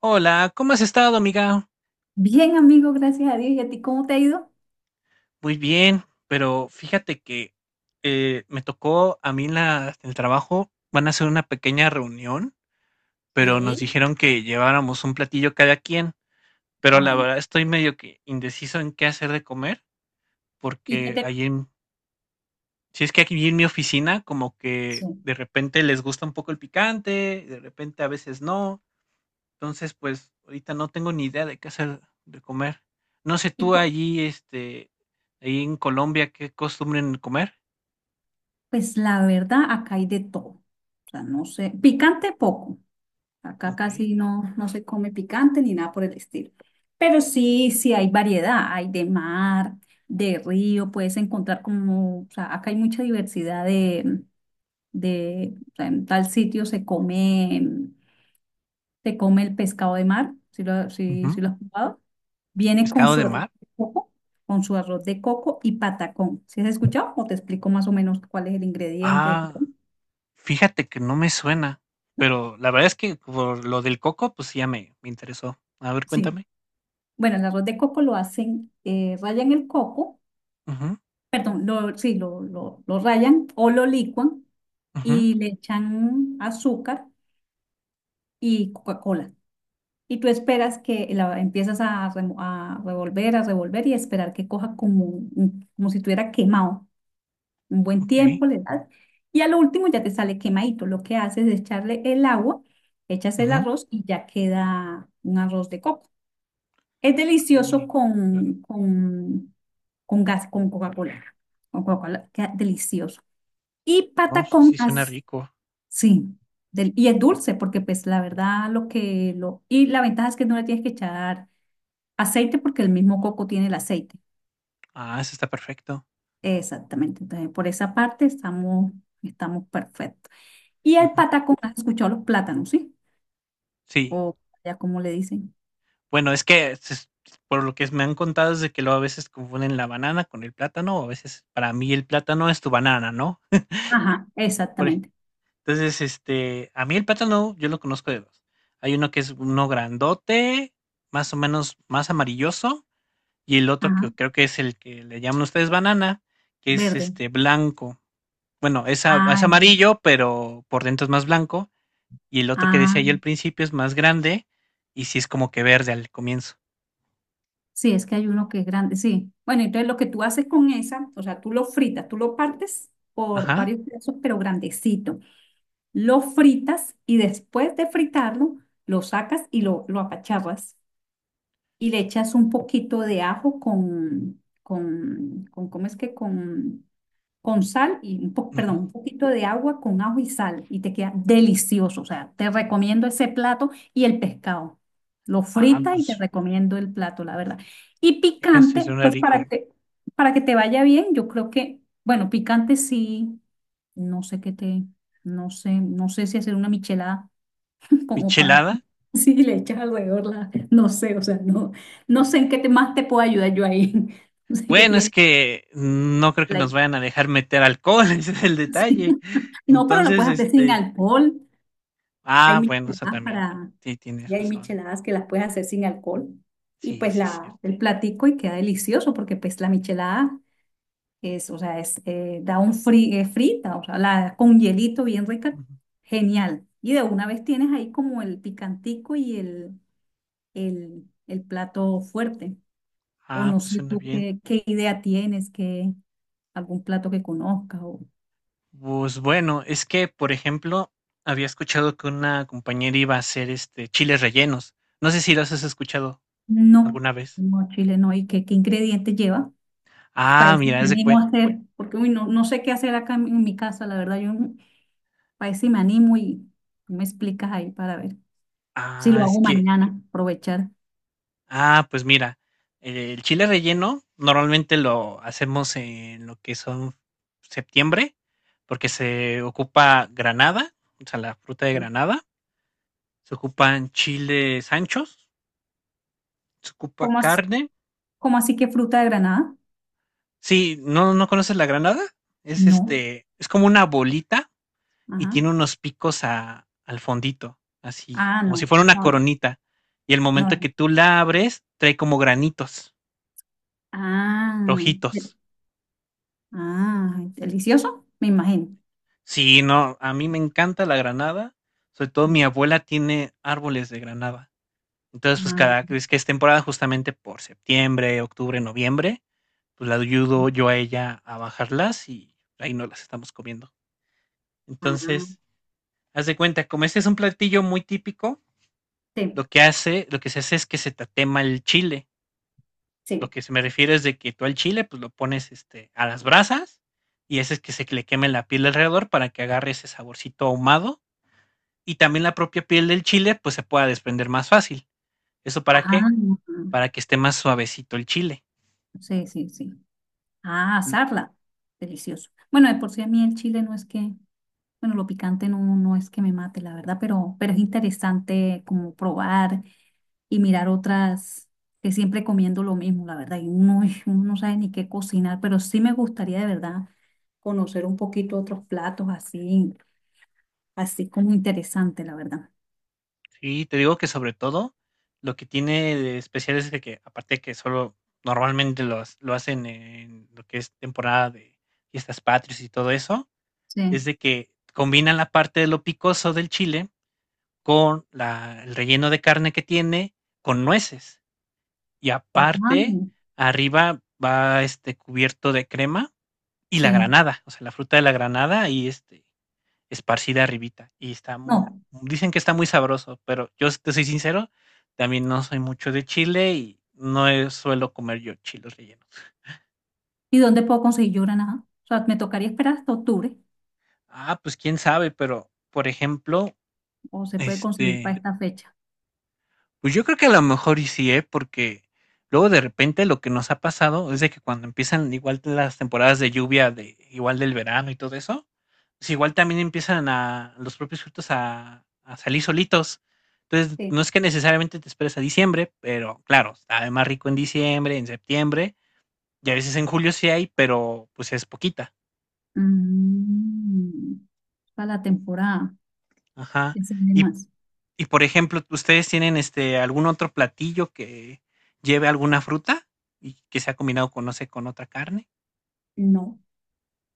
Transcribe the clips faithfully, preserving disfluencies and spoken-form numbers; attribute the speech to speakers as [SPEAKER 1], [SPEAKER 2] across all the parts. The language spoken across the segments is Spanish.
[SPEAKER 1] Hola, ¿cómo has estado, amiga?
[SPEAKER 2] Bien, amigo, gracias a Dios. ¿Y a ti cómo te ha ido?
[SPEAKER 1] Muy bien, pero fíjate que eh, me tocó a mí en la, en el trabajo, van a hacer una pequeña reunión, pero nos
[SPEAKER 2] Sí,
[SPEAKER 1] dijeron que lleváramos un platillo cada quien, pero la
[SPEAKER 2] ay,
[SPEAKER 1] verdad estoy medio que indeciso en qué hacer de comer,
[SPEAKER 2] ¿y qué
[SPEAKER 1] porque
[SPEAKER 2] te...
[SPEAKER 1] ahí en, si es que aquí en mi oficina como que
[SPEAKER 2] Sí.
[SPEAKER 1] de repente les gusta un poco el picante, de repente a veces no. Entonces, pues, ahorita no tengo ni idea de qué hacer de comer. No sé
[SPEAKER 2] Y
[SPEAKER 1] tú
[SPEAKER 2] po-
[SPEAKER 1] allí, este, ahí en Colombia, ¿qué costumbren comer?
[SPEAKER 2] pues la verdad, acá hay de todo. O sea, no sé, picante poco. Acá
[SPEAKER 1] ¿Ok?
[SPEAKER 2] casi no, no se come picante ni nada por el estilo. Pero sí, sí hay variedad. Hay de mar, de río, puedes encontrar como, o sea, acá hay mucha diversidad de, de, o sea, en tal sitio se come, se come el pescado de mar, si lo, si,
[SPEAKER 1] Ujú.
[SPEAKER 2] lo has probado. Viene con
[SPEAKER 1] ¿Pescado
[SPEAKER 2] su
[SPEAKER 1] de
[SPEAKER 2] arroz
[SPEAKER 1] mar?
[SPEAKER 2] de coco, con su arroz de coco y patacón. ¿Sí has escuchado? O te explico más o menos cuál es el ingrediente.
[SPEAKER 1] Ah, fíjate que no me suena, pero la verdad es que por lo del coco, pues, sí ya me me interesó. A ver,
[SPEAKER 2] Sí.
[SPEAKER 1] cuéntame.
[SPEAKER 2] Bueno, el arroz de coco lo hacen, eh, rayan el coco,
[SPEAKER 1] Ujú,
[SPEAKER 2] perdón, lo, sí, lo, lo, lo rayan o lo licuan
[SPEAKER 1] ujú,
[SPEAKER 2] y le echan azúcar y Coca-Cola. Y tú esperas que la empiezas a, remo- a revolver, a revolver y esperar que coja como, un- como si estuviera quemado. Un buen
[SPEAKER 1] ok,
[SPEAKER 2] tiempo le das y a lo último ya te sale quemadito. Lo que haces es echarle el agua, echas el
[SPEAKER 1] ujú.
[SPEAKER 2] arroz y ya queda un arroz de coco. Es delicioso
[SPEAKER 1] Ay, suen
[SPEAKER 2] con, con, con gas, con Coca-Cola. Con Coca-Cola, queda delicioso. Y
[SPEAKER 1] no,
[SPEAKER 2] patacón,
[SPEAKER 1] sí suena
[SPEAKER 2] as-
[SPEAKER 1] rico.
[SPEAKER 2] sí, del- y es dulce porque pues la verdad lo que lo... Y la ventaja es que no le tienes que echar aceite porque el mismo coco tiene el aceite.
[SPEAKER 1] Ah, eso está perfecto.
[SPEAKER 2] Exactamente. Entonces, por esa parte estamos, estamos perfectos. Y el
[SPEAKER 1] Ujú.
[SPEAKER 2] patacón, ¿has escuchado los plátanos, sí?
[SPEAKER 1] Sí.
[SPEAKER 2] O ya como le dicen.
[SPEAKER 1] Bueno, es que se por lo que me han contado es de que luego a veces confunden la banana con el plátano, o a veces para mí el plátano es tu banana, ¿no?
[SPEAKER 2] Ajá,
[SPEAKER 1] Por ej
[SPEAKER 2] exactamente.
[SPEAKER 1] entonces, este, a mí el plátano yo lo conozco de dos. Hay uno que es uno grandote, más o menos más amarilloso, y el otro que
[SPEAKER 2] Ajá,
[SPEAKER 1] creo que es el que le llaman ustedes banana, que es,
[SPEAKER 2] verde.
[SPEAKER 1] este, blanco. Bueno, es a es
[SPEAKER 2] Ah, ya.
[SPEAKER 1] amarillo, pero por dentro es más blanco, y el otro que decía yo al
[SPEAKER 2] Ah,
[SPEAKER 1] principio es más grande, y sí es como que verde al comienzo.
[SPEAKER 2] sí, es que hay uno que es grande, sí. Bueno, entonces lo que tú haces con esa, o sea, tú lo fritas, tú lo partes por
[SPEAKER 1] Ajá,
[SPEAKER 2] varios pedazos, pero grandecito. Lo fritas y después de fritarlo, lo sacas y lo, lo apacharras. Y le echas un poquito de ajo con, con, con, ¿cómo es que? Con con sal y un po-
[SPEAKER 1] ujú.
[SPEAKER 2] perdón, un poquito de agua con ajo y sal y te queda delicioso. O sea, te recomiendo ese plato y el pescado. Lo
[SPEAKER 1] Ah,
[SPEAKER 2] frita y te
[SPEAKER 1] pues,
[SPEAKER 2] recomiendo el plato, la verdad. Y
[SPEAKER 1] fíjese,
[SPEAKER 2] picante,
[SPEAKER 1] suena
[SPEAKER 2] pues para
[SPEAKER 1] rico.
[SPEAKER 2] que, para que te vaya bien, yo creo que, bueno, picante sí, no sé qué te, no sé, no sé si hacer una michelada como para,
[SPEAKER 1] ¿Michelada?
[SPEAKER 2] si le echas alrededor la, no sé, o sea, no, no sé en qué te, más te puedo ayudar yo ahí. No sé qué
[SPEAKER 1] Bueno, es
[SPEAKER 2] tiene.
[SPEAKER 1] que no creo que
[SPEAKER 2] la-
[SPEAKER 1] nos vayan a dejar meter alcohol, ese es el
[SPEAKER 2] sí.
[SPEAKER 1] detalle.
[SPEAKER 2] No, pero lo
[SPEAKER 1] Entonces,
[SPEAKER 2] puedes hacer sin
[SPEAKER 1] este,
[SPEAKER 2] alcohol. Hay
[SPEAKER 1] ah, bueno, o sea,
[SPEAKER 2] micheladas
[SPEAKER 1] también,
[SPEAKER 2] para,
[SPEAKER 1] sí, tienes
[SPEAKER 2] y hay
[SPEAKER 1] razón.
[SPEAKER 2] micheladas que las puedes hacer sin alcohol. Y
[SPEAKER 1] Sí,
[SPEAKER 2] pues
[SPEAKER 1] sí,
[SPEAKER 2] la,
[SPEAKER 1] cierto.
[SPEAKER 2] el platico y queda delicioso porque pues la michelada es, o sea, es, eh, da un fri, eh, frita, o sea, la, con hielito bien rica,
[SPEAKER 1] Ujú.
[SPEAKER 2] genial. Y de una vez tienes ahí como el picantico y el, el, el plato fuerte. O
[SPEAKER 1] Ah,
[SPEAKER 2] no
[SPEAKER 1] pues
[SPEAKER 2] sé
[SPEAKER 1] suena
[SPEAKER 2] tú
[SPEAKER 1] bien.
[SPEAKER 2] qué, qué idea tienes, que algún plato que conozcas o
[SPEAKER 1] Pues bueno, es que, por ejemplo, había escuchado que una compañera iba a hacer este chiles rellenos. No sé si los has escuchado
[SPEAKER 2] no,
[SPEAKER 1] alguna vez.
[SPEAKER 2] no, Chile no, y qué, qué ingredientes lleva. Para
[SPEAKER 1] Ah,
[SPEAKER 2] eso
[SPEAKER 1] mira,
[SPEAKER 2] me
[SPEAKER 1] es de
[SPEAKER 2] animo a
[SPEAKER 1] cue-
[SPEAKER 2] hacer, porque uy, no, no sé qué hacer acá en, en mi casa, la verdad. Yo no- Para eso sí me animo y tú me explicas ahí para ver si
[SPEAKER 1] Ah,
[SPEAKER 2] lo
[SPEAKER 1] es
[SPEAKER 2] hago
[SPEAKER 1] que
[SPEAKER 2] mañana, aprovechar.
[SPEAKER 1] Ah, pues mira, eh, el chile relleno normalmente lo hacemos en lo que son septiembre, porque se ocupa granada, o sea, la fruta de
[SPEAKER 2] ¿Sí?
[SPEAKER 1] granada, se ocupan chiles anchos, se ocupa
[SPEAKER 2] ¿Cómo así,
[SPEAKER 1] carne.
[SPEAKER 2] ¿cómo así que fruta de Granada?
[SPEAKER 1] Sí, ¿no, no conoces la granada? Es
[SPEAKER 2] No.
[SPEAKER 1] este, es como una bolita y
[SPEAKER 2] Ajá.
[SPEAKER 1] tiene unos picos a- al fondito, así,
[SPEAKER 2] Ah,
[SPEAKER 1] como si
[SPEAKER 2] no,
[SPEAKER 1] fuera una
[SPEAKER 2] no,
[SPEAKER 1] coronita. Y el
[SPEAKER 2] no.
[SPEAKER 1] momento que
[SPEAKER 2] No.
[SPEAKER 1] tú la abres, trae como granitos
[SPEAKER 2] Ah,
[SPEAKER 1] rojitos.
[SPEAKER 2] ah, delicioso, me imagino.
[SPEAKER 1] Sí, no, a mí me encanta la granada, sobre todo
[SPEAKER 2] Sí.
[SPEAKER 1] mi abuela tiene árboles de granada. Entonces, pues
[SPEAKER 2] Ah,
[SPEAKER 1] cada vez que es temporada, justamente por septiembre, octubre, noviembre, pues la ayudo yo a ella a bajarlas y ahí no las estamos comiendo.
[SPEAKER 2] ah,
[SPEAKER 1] Entonces, haz de cuenta, como este es un platillo muy típico, lo
[SPEAKER 2] sí,
[SPEAKER 1] que hace, lo que se hace es que se tatema el chile. Lo
[SPEAKER 2] sí.
[SPEAKER 1] que se me refiere es de que tú al chile, pues lo pones este, a las brasas y ese es que se le queme la piel alrededor para que agarre ese saborcito ahumado y también la propia piel del chile pues se pueda desprender más fácil. ¿Eso para qué?
[SPEAKER 2] Ah,
[SPEAKER 1] Para que esté más suavecito el chile.
[SPEAKER 2] sí, sí, sí. Ah, asarla, delicioso. Bueno, de por sí a mí el chile no es que bueno, lo picante no, no no es que me mate, la verdad, pero, pero es interesante como probar y mirar otras, que siempre comiendo lo mismo, la verdad, y uno, uno no sabe ni qué cocinar, pero sí me gustaría de verdad conocer un poquito otros platos así, así como interesante, la verdad.
[SPEAKER 1] Sí, te digo que sobre todo lo que tiene de especial es de que aparte que solo normalmente lo, ha- lo hacen en lo que es temporada de fiestas patrias y todo eso,
[SPEAKER 2] Sí.
[SPEAKER 1] es de que combinan la parte de lo picoso del chile con la- el relleno de carne que tiene con nueces. Y
[SPEAKER 2] Ajá.
[SPEAKER 1] aparte, arriba va este cubierto de crema y la
[SPEAKER 2] Sí.
[SPEAKER 1] granada, o sea, la fruta de la granada y este, esparcida arribita. Y está, mu-
[SPEAKER 2] No.
[SPEAKER 1] dicen que está muy sabroso, pero yo te soy sincero, también no soy mucho de chile y no eh, suelo comer yo chiles rellenos.
[SPEAKER 2] ¿Y dónde puedo conseguir yo granada? O sea, me tocaría esperar hasta octubre,
[SPEAKER 1] Ah, pues quién sabe, pero por ejemplo,
[SPEAKER 2] o se puede conseguir para
[SPEAKER 1] este,
[SPEAKER 2] esta fecha.
[SPEAKER 1] pues yo creo que a lo mejor y sí, ¿eh? Porque luego de repente lo que nos ha pasado es de que cuando empiezan igual las temporadas de lluvia, de, igual del verano y todo eso, pues igual también empiezan a los propios frutos a, a salir solitos. Entonces,
[SPEAKER 2] Sí.
[SPEAKER 1] no es que necesariamente te esperes a diciembre, pero claro, está más rico en diciembre, en septiembre, y a veces en julio sí hay, pero pues es poquita.
[SPEAKER 2] Mm, para la temporada.
[SPEAKER 1] Ajá.
[SPEAKER 2] ¿Qué se vende
[SPEAKER 1] Y
[SPEAKER 2] más?
[SPEAKER 1] y por ejemplo, ¿ustedes tienen este algún otro platillo que lleve alguna fruta y que sea combinado con, no sé, con otra carne?
[SPEAKER 2] No.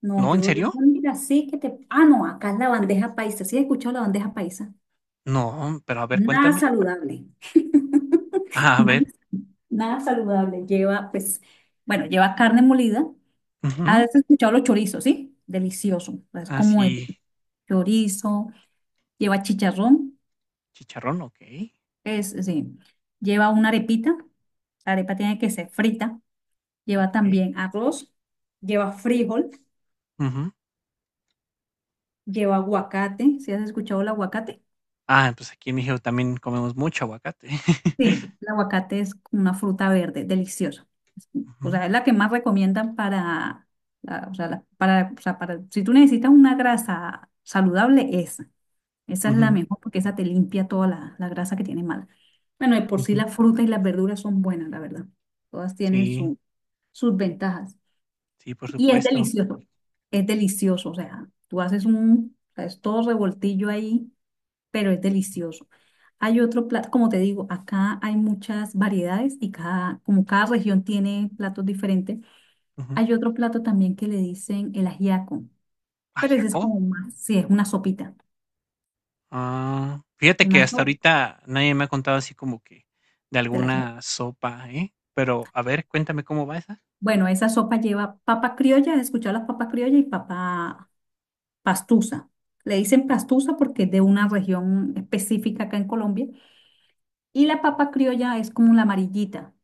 [SPEAKER 2] No,
[SPEAKER 1] ¿No? ¿En
[SPEAKER 2] yo la
[SPEAKER 1] serio?
[SPEAKER 2] única sí que te... Ah, no, acá es la bandeja paisa. ¿Sí has escuchado la bandeja paisa?
[SPEAKER 1] No, pero a ver,
[SPEAKER 2] Nada
[SPEAKER 1] cuéntame.
[SPEAKER 2] saludable.
[SPEAKER 1] Ah, a
[SPEAKER 2] Nada,
[SPEAKER 1] ver.
[SPEAKER 2] nada saludable. Lleva, pues, bueno, lleva carne molida.
[SPEAKER 1] Ujú.
[SPEAKER 2] Has escuchado los chorizos, ¿sí? Delicioso. Es como el
[SPEAKER 1] Así,
[SPEAKER 2] chorizo, lleva chicharrón,
[SPEAKER 1] chicharrón, ok.
[SPEAKER 2] es, sí. Lleva una arepita. La arepa tiene que ser frita. Lleva
[SPEAKER 1] Ok.
[SPEAKER 2] también arroz, lleva frijol,
[SPEAKER 1] Ujú.
[SPEAKER 2] lleva aguacate. ¿Sí has escuchado el aguacate?
[SPEAKER 1] Ah, pues aquí en México también comemos mucho aguacate.
[SPEAKER 2] Sí, el aguacate es como una fruta verde, deliciosa. Es- o
[SPEAKER 1] Ujú,
[SPEAKER 2] sea, es la que más recomiendan para, la- o sea, la- para, o sea, para, si tú necesitas una grasa saludable, esa. Esa es la
[SPEAKER 1] ujú,
[SPEAKER 2] mejor porque esa te limpia toda la, la grasa que tiene mala. Bueno, de por sí
[SPEAKER 1] ujú.
[SPEAKER 2] las frutas y las verduras son buenas, la verdad. Todas tienen
[SPEAKER 1] Sí,
[SPEAKER 2] su, sus ventajas.
[SPEAKER 1] sí, por
[SPEAKER 2] Y es
[SPEAKER 1] supuesto.
[SPEAKER 2] delicioso, es delicioso. O sea, tú haces un, o sea, es todo revoltillo ahí pero es delicioso. Hay otro plato, como te digo, acá hay muchas variedades y cada, como cada región tiene platos diferentes,
[SPEAKER 1] Ujú.
[SPEAKER 2] hay otro plato también que le dicen el ajiaco, pero ese es
[SPEAKER 1] Ajiaco.
[SPEAKER 2] como más, sí, es una sopita,
[SPEAKER 1] Ah, fíjate que
[SPEAKER 2] una
[SPEAKER 1] hasta
[SPEAKER 2] sopa
[SPEAKER 1] ahorita nadie me ha contado así como que de
[SPEAKER 2] del ajiaco.
[SPEAKER 1] alguna sopa, ¿eh? Pero a ver, cuéntame cómo va esa.
[SPEAKER 2] Bueno, esa sopa lleva papa criolla, ¿has escuchado las papas criollas y papa pastusa? Le dicen pastusa porque es de una región específica acá en Colombia y la papa criolla es como la amarillita.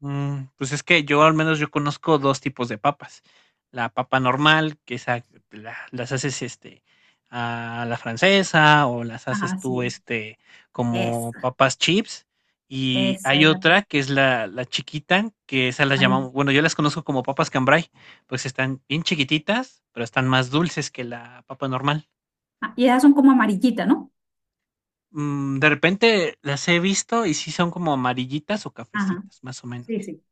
[SPEAKER 1] Mm, pues es que yo al menos yo conozco dos tipos de papas. La papa normal, que esa la- las haces este a la francesa o las haces
[SPEAKER 2] Ajá,
[SPEAKER 1] tú
[SPEAKER 2] sí,
[SPEAKER 1] este como
[SPEAKER 2] esa,
[SPEAKER 1] papas chips. Y
[SPEAKER 2] esa
[SPEAKER 1] hay
[SPEAKER 2] es la
[SPEAKER 1] otra que es la, la chiquita, que esas las
[SPEAKER 2] amarilla.
[SPEAKER 1] llamamos, bueno, yo las conozco como papas cambray, pues están bien chiquititas, pero están más dulces que la papa normal.
[SPEAKER 2] Ah, y esas son como amarillitas, ¿no?
[SPEAKER 1] Mm, de repente las he visto y sí son como amarillitas o
[SPEAKER 2] Ajá,
[SPEAKER 1] cafecitas, más o
[SPEAKER 2] sí,
[SPEAKER 1] menos.
[SPEAKER 2] sí.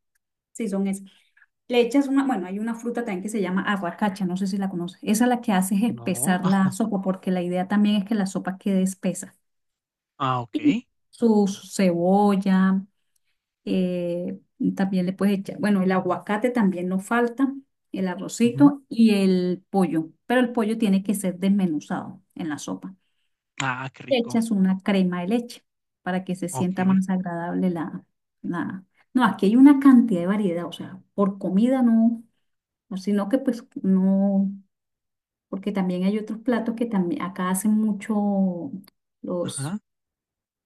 [SPEAKER 2] Sí, son esas. Le echas una, bueno, hay una fruta también que se llama aguacacha, no sé si la conoces. Esa la que hace es
[SPEAKER 1] No.
[SPEAKER 2] espesar la
[SPEAKER 1] Ah,
[SPEAKER 2] sopa, porque la idea también es que la sopa quede espesa.
[SPEAKER 1] ah,
[SPEAKER 2] Y
[SPEAKER 1] okey.
[SPEAKER 2] Su, su cebolla, eh, también le puedes echar, bueno, el aguacate también no falta, el
[SPEAKER 1] Ujú.
[SPEAKER 2] arrocito y el pollo, pero el pollo tiene que ser desmenuzado en la sopa.
[SPEAKER 1] Ah, qué
[SPEAKER 2] Le
[SPEAKER 1] rico.
[SPEAKER 2] echas una crema de leche para que se sienta
[SPEAKER 1] Okey.
[SPEAKER 2] más agradable la, la... No, aquí hay una cantidad de variedad, o sea, por comida no, no, sino que pues no, porque también hay otros platos que también acá hacen mucho los,
[SPEAKER 1] Ajá.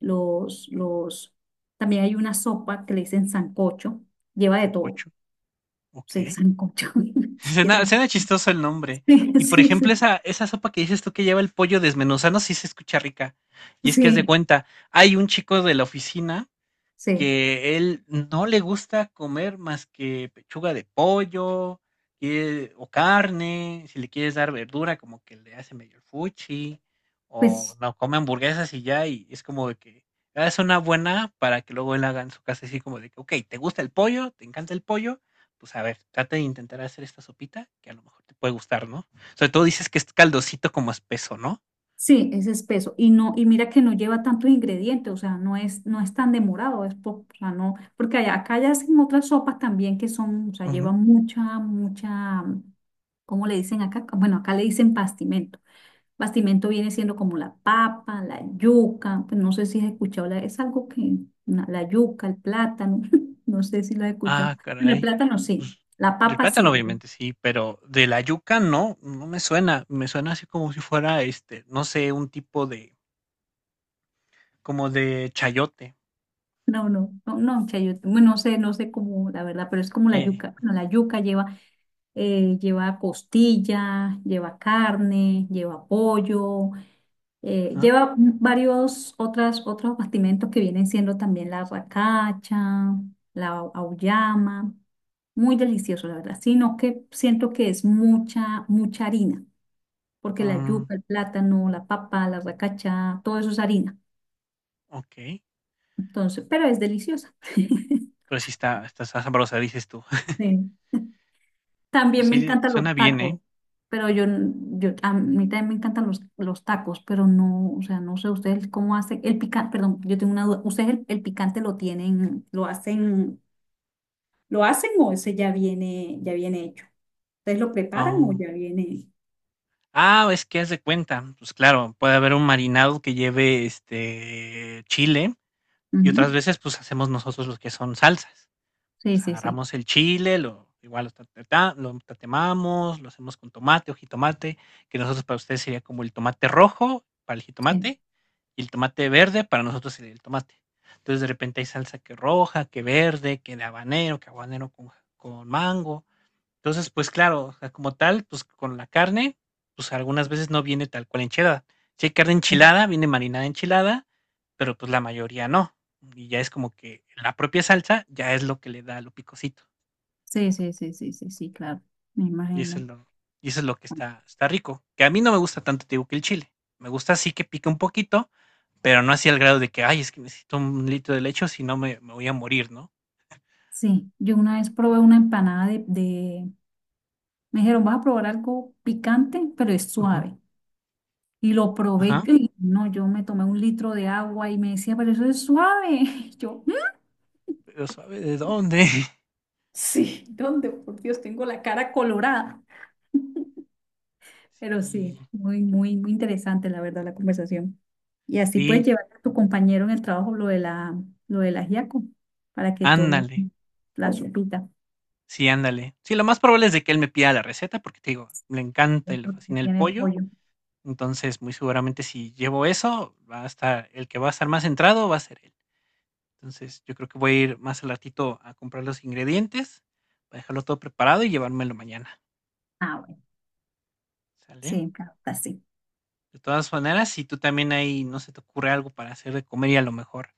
[SPEAKER 2] los, los, también hay una sopa que le dicen sancocho, lleva de todo,
[SPEAKER 1] Sancocho.
[SPEAKER 2] sí,
[SPEAKER 1] Okey.
[SPEAKER 2] sancocho, ni
[SPEAKER 1] Suena
[SPEAKER 2] siquiera,
[SPEAKER 1] suena chistoso el nombre.
[SPEAKER 2] sí,
[SPEAKER 1] Y, por
[SPEAKER 2] sí,
[SPEAKER 1] ejemplo,
[SPEAKER 2] sí,
[SPEAKER 1] esa esa sopa que dices tú que lleva el pollo desmenuzado, sí se escucha rica. Y es que haz de
[SPEAKER 2] sí,
[SPEAKER 1] cuenta, hay un chico de la oficina
[SPEAKER 2] sí,
[SPEAKER 1] que él no le gusta comer más que pechuga de pollo, eh, o carne, si le quieres dar verdura, como que le hace medio el fuchi, o
[SPEAKER 2] pues...
[SPEAKER 1] no come hamburguesas y ya, y es como de que "Ah, es una buena para que luego él haga en su casa así como de que, ok, ¿te gusta el pollo? ¿Te encanta el pollo? Pues a ver, trata de intentar hacer esta sopita que a lo mejor te puede gustar, ¿no? Sobre todo dices que es caldosito como espeso, ¿no?
[SPEAKER 2] Sí, es espeso y no y mira que no lleva tantos ingredientes, o sea, no es no es tan demorado, es po- o sea, no, porque allá- acá ya hacen otras sopas también que son, o sea, llevan mucha mucha ¿cómo le dicen acá? Bueno, acá le dicen bastimento. Bastimento viene siendo como la papa, la yuca, pues no sé si has escuchado, la- es algo que una- la yuca, el plátano, no sé si lo has escuchado.
[SPEAKER 1] Ah,
[SPEAKER 2] Bueno, el
[SPEAKER 1] caray.
[SPEAKER 2] plátano sí,
[SPEAKER 1] Pues,
[SPEAKER 2] la
[SPEAKER 1] del
[SPEAKER 2] papa
[SPEAKER 1] plátano
[SPEAKER 2] sí.
[SPEAKER 1] obviamente sí, pero de la yuca no, no me suena. Me suena así como si fuera, este, no sé, un tipo de, como de chayote.
[SPEAKER 2] No, no, no, no, chayote. Bueno, no sé, no sé cómo, la verdad, pero es como la
[SPEAKER 1] Eh,
[SPEAKER 2] yuca. Bueno, la yuca lleva eh, lleva costilla, lleva carne, lleva pollo, eh,
[SPEAKER 1] ajá.
[SPEAKER 2] lleva varios otras, otros bastimentos que vienen siendo también la racacha, la au- auyama. Muy delicioso, la verdad, sino que siento que es mucha, mucha harina, porque la
[SPEAKER 1] Mm,
[SPEAKER 2] yuca, el plátano, la papa, la racacha, todo eso es harina.
[SPEAKER 1] ok.
[SPEAKER 2] Entonces, pero es deliciosa.
[SPEAKER 1] Pero sí está, está sabrosa, dices tú.
[SPEAKER 2] Sí.
[SPEAKER 1] Pues
[SPEAKER 2] También me
[SPEAKER 1] sí,
[SPEAKER 2] encantan
[SPEAKER 1] suena
[SPEAKER 2] los
[SPEAKER 1] bien, ¿eh?
[SPEAKER 2] tacos, pero yo, n- yo a mí también me encantan los, los tacos, pero no, o sea, no sé ustedes cómo hacen el picante, perdón, yo tengo una duda, ¿ustedes el, el picante lo tienen, lo hacen, lo hacen o ese ya viene, ya viene hecho? ¿Ustedes lo preparan o
[SPEAKER 1] Oh.
[SPEAKER 2] ya viene?
[SPEAKER 1] Ah, es que haz de cuenta. Pues claro, puede haber un marinado que lleve, este, chile y otras
[SPEAKER 2] Ujú.
[SPEAKER 1] veces pues hacemos nosotros los que son salsas. O
[SPEAKER 2] Sí,
[SPEAKER 1] sea,
[SPEAKER 2] sí, sí,
[SPEAKER 1] agarramos el chile, lo igual lo, tatata- lo tatemamos, lo hacemos con tomate o jitomate, que nosotros para ustedes sería como el tomate rojo para el
[SPEAKER 2] sí,
[SPEAKER 1] jitomate y el tomate verde para nosotros sería el tomate. Entonces de repente hay salsa que roja, que verde, que de habanero, que habanero con, ja, con mango. Entonces, pues claro, o sea, como tal, pues con la carne, pues algunas veces no viene tal cual enchilada. Si hay carne enchilada, viene marinada enchilada, pero pues la mayoría no. Y ya es como que la propia salsa ya es lo que le da lo picosito.
[SPEAKER 2] sí, sí, sí, sí, sí, sí, claro, me
[SPEAKER 1] Y eso es
[SPEAKER 2] imagino.
[SPEAKER 1] lo, y eso es lo que está, está rico. Que a mí no me gusta tanto, te digo, que el chile. Me gusta así que pique un poquito, pero no así al grado de que, ay, es que necesito un litro de leche, o si no me, me voy a morir, ¿no?
[SPEAKER 2] Sí, yo una vez probé una empanada de, de- me dijeron, vas a probar algo picante, pero es
[SPEAKER 1] Ujú.
[SPEAKER 2] suave. Y lo probé
[SPEAKER 1] Ajá.
[SPEAKER 2] y no, yo me tomé un litro de agua y me decía, pero eso es suave. Yo, "Mm,
[SPEAKER 1] Pero sabe de dónde.
[SPEAKER 2] sí, ¿dónde? Por Dios, tengo la cara colorada. Pero
[SPEAKER 1] Y
[SPEAKER 2] sí, muy, muy, muy interesante la verdad la conversación. Y así puedes
[SPEAKER 1] sí,
[SPEAKER 2] llevar a tu compañero en el trabajo lo de la, lo del ajiaco para que tome
[SPEAKER 1] ándale.
[SPEAKER 2] la sopita
[SPEAKER 1] Sí, ándale. Sí, lo más probable es de que él me pida la receta, porque te digo, le encanta y le
[SPEAKER 2] dentro que
[SPEAKER 1] fascina el
[SPEAKER 2] tiene el
[SPEAKER 1] pollo.
[SPEAKER 2] pollo.
[SPEAKER 1] Entonces, muy seguramente si llevo eso, va a estar, el que va a estar más centrado va a ser él. Entonces, yo creo que voy a ir más al ratito a comprar los ingredientes, para dejarlo todo preparado y llevármelo mañana.
[SPEAKER 2] Ah, bueno,
[SPEAKER 1] ¿Sale?
[SPEAKER 2] sí, claro, está así.
[SPEAKER 1] De todas maneras, si tú también ahí no se te ocurre algo para hacer de comer y a lo mejor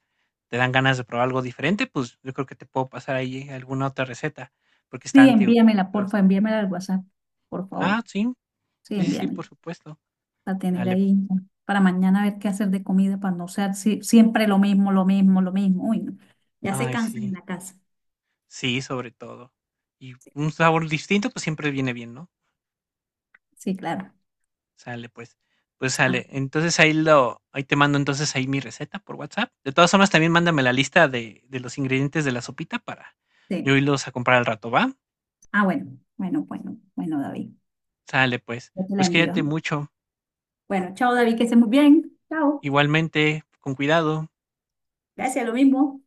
[SPEAKER 1] te dan ganas de probar algo diferente, pues yo creo que te puedo pasar ahí alguna otra receta, porque está
[SPEAKER 2] Sí,
[SPEAKER 1] antiguo.
[SPEAKER 2] envíamela, porfa, envíamela al WhatsApp, por
[SPEAKER 1] Ah,
[SPEAKER 2] favor.
[SPEAKER 1] sí,
[SPEAKER 2] Sí,
[SPEAKER 1] sí, sí, sí,
[SPEAKER 2] envíamela.
[SPEAKER 1] por supuesto.
[SPEAKER 2] A tener
[SPEAKER 1] Dale,
[SPEAKER 2] ahí ¿no? para mañana ver qué hacer de comida para no ser si- siempre lo mismo, lo mismo, lo mismo. Uy, no. Ya se
[SPEAKER 1] ay,
[SPEAKER 2] cansa en
[SPEAKER 1] sí.
[SPEAKER 2] la casa.
[SPEAKER 1] Sí, sobre todo. Y un sabor distinto, pues, siempre viene bien, ¿no?
[SPEAKER 2] Sí, claro.
[SPEAKER 1] Sale, pues. Pues
[SPEAKER 2] Ah,
[SPEAKER 1] sale. Entonces, ahí lo ahí te mando, entonces, ahí mi receta por WhatsApp. De todas formas, también mándame la lista de de los ingredientes de la sopita para
[SPEAKER 2] sí.
[SPEAKER 1] yo irlos a comprar al rato, ¿va?
[SPEAKER 2] Ah, bueno, bueno, bueno, bueno, David.
[SPEAKER 1] Sale, pues.
[SPEAKER 2] Yo te la
[SPEAKER 1] Pues
[SPEAKER 2] envío,
[SPEAKER 1] cuídate
[SPEAKER 2] ¿eh?
[SPEAKER 1] mucho.
[SPEAKER 2] Bueno, chao, David, que estés muy bien. Chao.
[SPEAKER 1] Igualmente, con cuidado.
[SPEAKER 2] Gracias, lo mismo.